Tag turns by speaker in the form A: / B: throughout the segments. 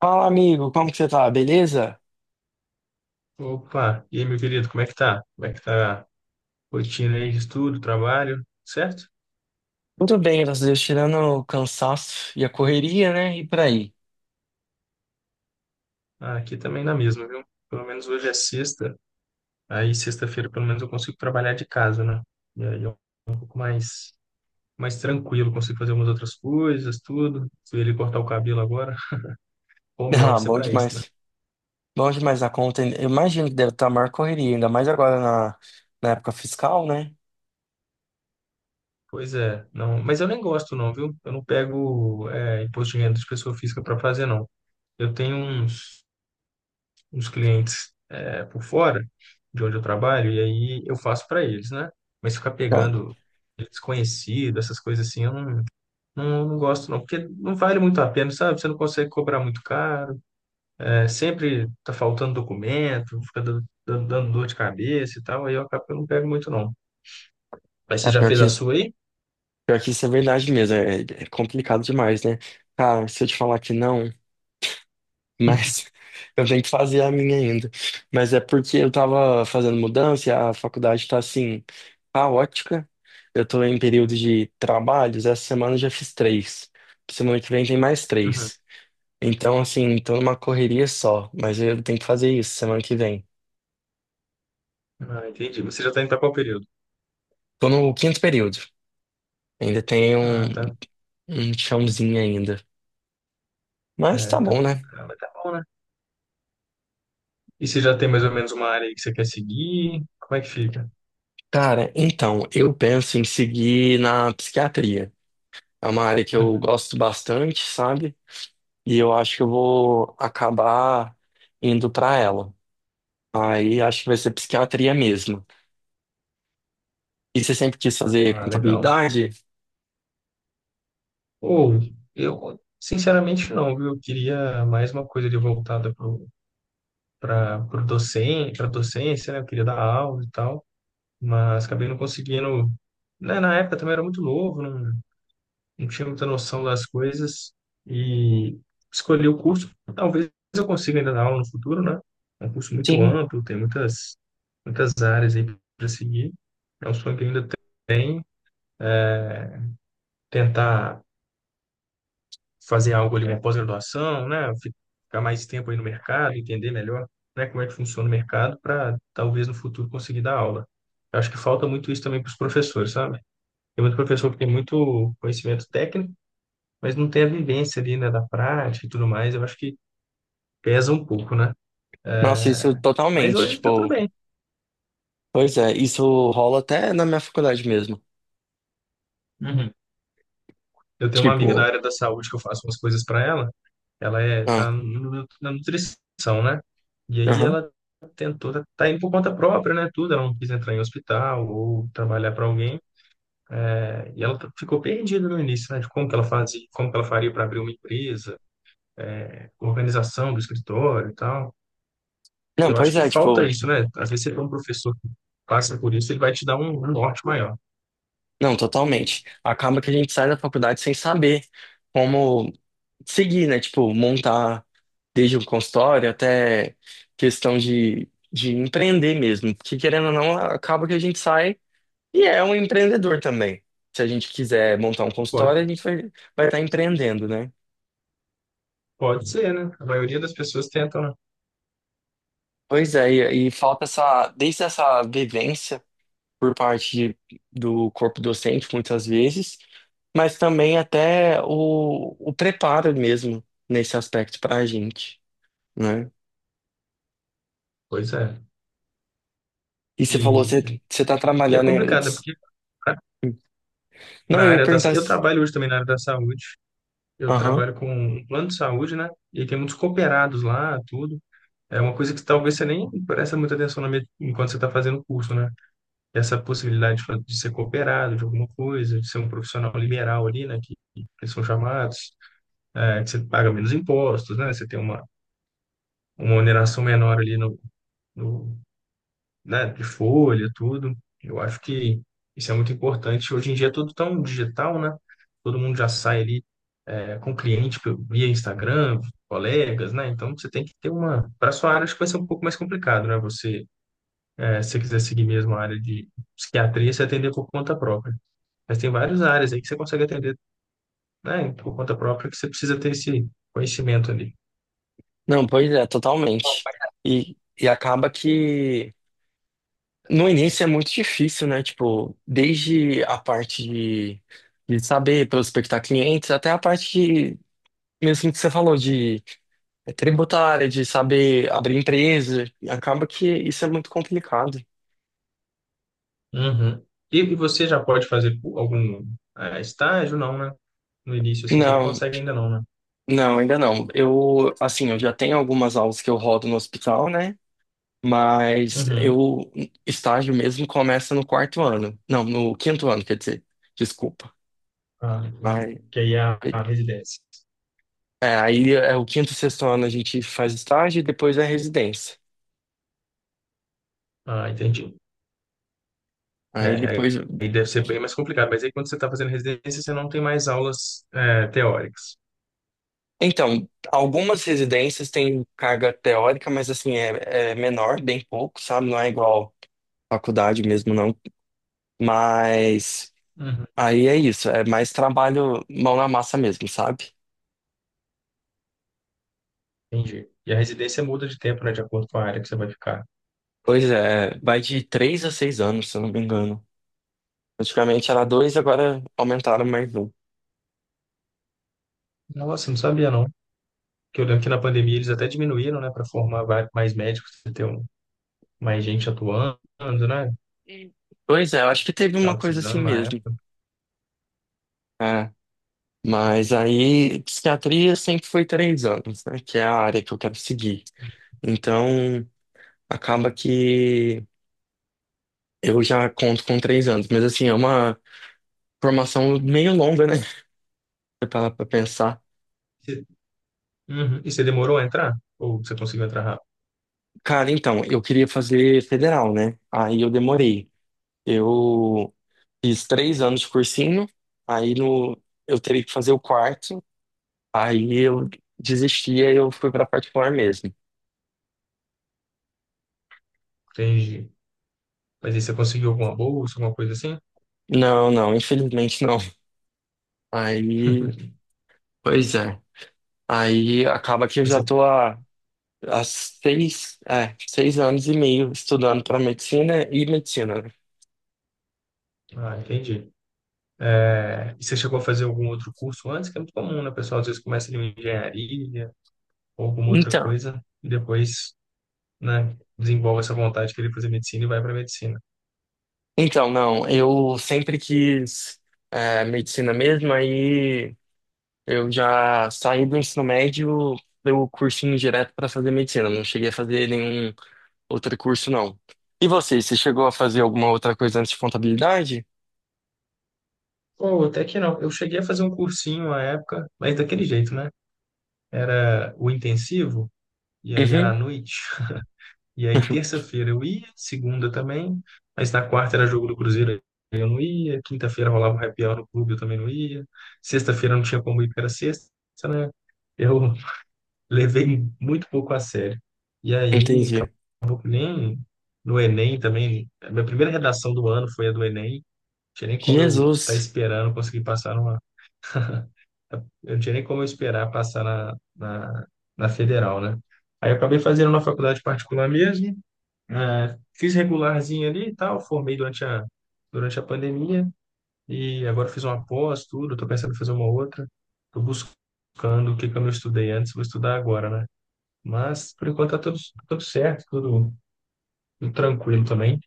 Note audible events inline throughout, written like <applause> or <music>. A: Fala, amigo, como que você tá? Beleza?
B: Opa, e aí, meu querido, como é que tá? Como é que tá a rotina aí de estudo, trabalho, certo?
A: Tudo bem, graças a Deus, tirando o cansaço e a correria, né? E por aí. <laughs>
B: Ah, aqui também na mesma, viu? Pelo menos hoje é sexta, aí sexta-feira pelo menos eu consigo trabalhar de casa, né? E aí é um pouco mais tranquilo, consigo fazer umas outras coisas, tudo. Fui ele cortar o cabelo agora, home
A: Ah,
B: office é
A: bom
B: pra isso, né?
A: demais. Bom demais a conta. Eu imagino que deve estar a maior correria, ainda mais agora na época fiscal, né?
B: Pois é, não, mas eu nem gosto não, viu? Eu não pego imposto de renda de pessoa física pra fazer, não. Eu tenho uns os clientes por fora de onde eu trabalho, e aí eu faço para eles, né? Mas ficar
A: Cara,
B: pegando desconhecido, essas coisas assim, eu não gosto não, porque não vale muito a pena, sabe? Você não consegue cobrar muito caro, sempre tá faltando documento, fica dando dor de cabeça e tal, aí eu acabo que eu não pego muito não. Mas você
A: é
B: já
A: pior
B: fez
A: que,
B: a sua aí?
A: pior que isso é verdade mesmo. É complicado demais, né? Cara, se eu te falar que não. Mas <laughs> eu tenho que fazer a minha ainda. Mas é porque eu tava fazendo mudança e a faculdade tá assim, caótica. Eu tô em período de trabalhos, essa semana eu já fiz três. Semana que vem tem mais
B: Uhum.
A: três. Então, assim, tô numa correria só, mas eu tenho que fazer isso semana que vem.
B: Ah, entendi. Você já está indo para qual período?
A: Tô no quinto período. Ainda tem um,
B: Ah, tá.
A: um chãozinho ainda. Mas tá
B: É, tá.
A: bom, né?
B: Ah, mas tá bom, né? E você já tem mais ou menos uma área aí que você quer seguir? Como é que fica?
A: Cara, então, eu penso em seguir na psiquiatria. É uma área que eu
B: Uhum.
A: gosto bastante, sabe? E eu acho que eu vou acabar indo pra ela. Aí acho que vai ser psiquiatria mesmo. E você sempre quis fazer
B: Ah, legal.
A: contabilidade?
B: Ou eu, sinceramente, não, viu? Eu queria mais uma coisa ali voltada para para docência, né? Eu queria dar aula e tal, mas acabei não conseguindo. Né, na época também era muito novo, não tinha muita noção das coisas e escolhi o curso. Talvez eu consiga ainda dar aula no futuro, né? É um curso muito
A: Sim.
B: amplo, tem muitas áreas aí para seguir. É um sonho que eu ainda tenho, tentar fazer algo ali. É, uma pós-graduação, né? Ficar mais tempo aí no mercado, entender melhor, né, como é que funciona o mercado para talvez no futuro conseguir dar aula. Eu acho que falta muito isso também para os professores, sabe? Tem muito professor que tem muito conhecimento técnico, mas não tem a vivência ali, né, da prática e tudo mais. Eu acho que pesa um pouco, né?
A: Nossa, isso
B: É, Mas
A: totalmente,
B: hoje está tudo
A: tipo,
B: bem.
A: pois é, isso rola até na minha faculdade mesmo.
B: Uhum. Eu tenho uma amiga da
A: Tipo,
B: área da saúde que eu faço umas coisas para ela. Ela tá
A: ah,
B: na nutrição, né? E aí
A: aham.
B: ela tentou, tá indo por conta própria, né? Tudo, ela não quis entrar em hospital ou trabalhar para alguém. Né? E ela ficou perdida no início, né? De como que ela fazia, como que ela faria para abrir uma empresa, organização do escritório e tal.
A: Não,
B: Eu acho
A: pois
B: que
A: é, tipo,
B: falta isso, né? Às vezes você tem um professor que passa por isso, ele vai te dar um norte maior.
A: não, totalmente. Acaba que a gente sai da faculdade sem saber como seguir, né? Tipo, montar desde o consultório até questão de empreender mesmo. Porque querendo ou não, acaba que a gente sai e é um empreendedor também. Se a gente quiser montar um
B: Pode,
A: consultório, a gente vai estar empreendendo, né?
B: pode ser, né? A maioria das pessoas tentam, né?
A: Pois é, e falta essa, desde essa vivência. Por parte do corpo docente, muitas vezes, mas também até o preparo mesmo nesse aspecto para a gente, né?
B: Pois é.
A: E você falou, você,
B: E,
A: você tá
B: e é
A: trabalhando em...
B: complicado, né? Porque
A: Não,
B: para a
A: eu ia
B: área
A: perguntar
B: Eu
A: se...
B: trabalho hoje também na área da saúde. Eu
A: Aham.
B: trabalho com um plano de saúde, né? E tem muitos cooperados lá, tudo. É uma coisa que talvez você nem presta muita atenção na enquanto você está fazendo o curso, né? Essa possibilidade de de ser cooperado de alguma coisa, de ser um profissional liberal ali, né? Que eles são chamados, é, que você paga menos impostos, né? Você tem uma oneração menor ali no né, de folha, tudo. Eu acho que isso é muito importante. Hoje em dia é tudo tão digital, né? Todo mundo já sai ali com cliente via Instagram, colegas, né? Então você tem que ter uma. Para sua área, acho que vai ser um pouco mais complicado, né? Você, é, se você quiser seguir mesmo a área de psiquiatria, você atender por conta própria. Mas tem várias áreas aí que você consegue atender, né, por conta própria, que você precisa ter esse conhecimento ali.
A: Não, pois é, totalmente. E acaba que no início é muito difícil, né? Tipo, desde a parte de saber prospectar clientes até a parte de, mesmo que você falou de é tributária, de saber abrir empresa. E acaba que isso é muito complicado.
B: Uhum. E você já pode fazer algum estágio? Não, né? No início, assim, você não
A: Não,
B: consegue ainda não, né?
A: não, ainda não. Eu, assim, eu já tenho algumas aulas que eu rodo no hospital, né? Mas
B: Uhum.
A: estágio mesmo começa no quarto ano. Não, no quinto ano, quer dizer. Desculpa.
B: Ah, entendi.
A: Aí,
B: Que aí é a residência.
A: aí é o quinto, e sexto ano a gente faz estágio e depois é residência.
B: Ah, entendi.
A: Aí
B: É,
A: depois.
B: aí deve ser bem mais complicado, mas aí quando você está fazendo residência, você não tem mais aulas teóricas.
A: Então, algumas residências têm carga teórica, mas assim, é menor, bem pouco, sabe? Não é igual faculdade mesmo não, mas
B: Uhum.
A: aí é isso, é mais trabalho mão na massa mesmo, sabe?
B: Entendi. E a residência muda de tempo, né, de acordo com a área que você vai ficar.
A: Pois é, vai de 3 a 6 anos, se eu não me engano. Antigamente era dois, agora aumentaram mais um.
B: Nossa, não sabia não. Porque eu lembro que na pandemia eles até diminuíram, né, para formar mais médicos, pra ter mais gente atuando, né?
A: Hum. Pois é, eu acho que teve uma
B: Tava
A: coisa assim
B: precisando na
A: mesmo.
B: época.
A: É, mas aí psiquiatria sempre foi 3 anos, né? Que é a área que eu quero seguir. Então acaba que eu já conto com 3 anos, mas assim, é uma formação meio longa, né? <laughs> Pra pensar.
B: Você- Uhum. E você demorou a entrar? Ou você conseguiu entrar rápido?
A: Cara, então, eu queria fazer federal, né? Aí eu demorei. Eu fiz 3 anos de cursinho, aí no, eu teria que fazer o quarto, aí eu desisti, aí eu fui pra particular mesmo.
B: Entendi. Mas aí você conseguiu alguma bolsa, alguma coisa assim?
A: Não, não, infelizmente não. Aí,
B: <laughs>
A: pois é. Aí acaba que eu já
B: Você...
A: tô há 6 anos e meio estudando para medicina e medicina, né?
B: Ah, entendi. É, e você chegou a fazer algum outro curso antes? Que é muito comum, né, pessoal? Às vezes começa ali uma engenharia ou alguma outra
A: Então,
B: coisa e depois, né, desenvolve essa vontade de querer fazer medicina e vai para medicina.
A: então, não, eu sempre quis medicina mesmo, aí. Eu já saí do ensino médio, dei o cursinho direto para fazer medicina. Não cheguei a fazer nenhum outro curso, não. E você chegou a fazer alguma outra coisa antes de contabilidade?
B: Ou até que não. Eu cheguei a fazer um cursinho à época, mas daquele jeito, né? Era o intensivo e aí era à
A: Uhum,
B: noite. E aí, terça-feira eu ia, segunda também, mas na quarta era jogo do Cruzeiro, aí eu não ia, quinta-feira rolava um happy hour no clube, eu também não ia, sexta-feira não tinha como ir, porque era sexta, né? Eu <laughs> levei muito pouco a sério. E aí,
A: entendi.
B: acabou que nem no Enem também, a minha primeira redação do ano foi a do Enem, não tinha nem como eu estar
A: Jesus.
B: esperando conseguir passar numa. Eu não tinha nem como eu esperar passar na federal, né? Aí eu acabei fazendo na faculdade particular mesmo. É, fiz regularzinho ali e tal, formei durante a pandemia e agora fiz uma pós, tudo, tô pensando em fazer uma outra. Tô buscando o que que eu não estudei antes, vou estudar agora, né? Mas por enquanto tá tudo certo, tudo tranquilo também.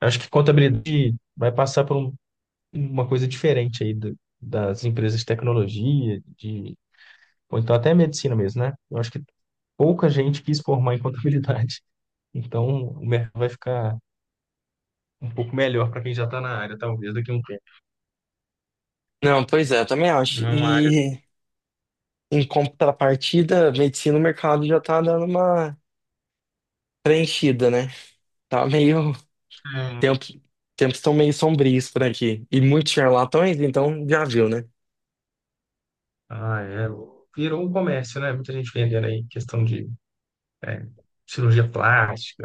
B: Acho que contabilidade vai passar por uma coisa diferente aí das empresas de tecnologia, de, ou então até medicina mesmo, né? Eu acho que pouca gente quis formar em contabilidade. <laughs> Então, o mercado vai ficar um pouco melhor para quem já está na área, talvez, daqui a um tempo.
A: Não, pois é, eu também acho.
B: Não é uma área que...
A: E em contrapartida, medicina, o mercado já tá dando uma preenchida, né? Tá meio. Tempo... Tempos estão meio sombrios por aqui. E muitos charlatões, então já viu, né?
B: Ah, é. Virou um comércio, né? Muita gente vendendo aí questão de é, cirurgia plástica,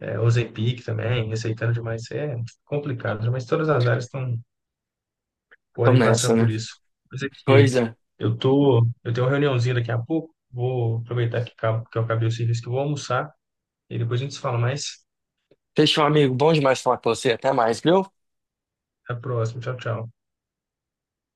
B: é, Ozempic também, receitando demais. É complicado, né? Mas todas as áreas estão,
A: Estão
B: podem passar
A: nessa, né?
B: por isso. Mas é
A: Pois
B: que
A: é.
B: eu tô, eu tenho uma reuniãozinha daqui a pouco, vou aproveitar que eu acabei o serviço que eu vou almoçar e depois a gente se fala mais.
A: Fechou, amigo. Bom demais falar com você. Até mais, viu?
B: Até a próxima. Tchau, tchau.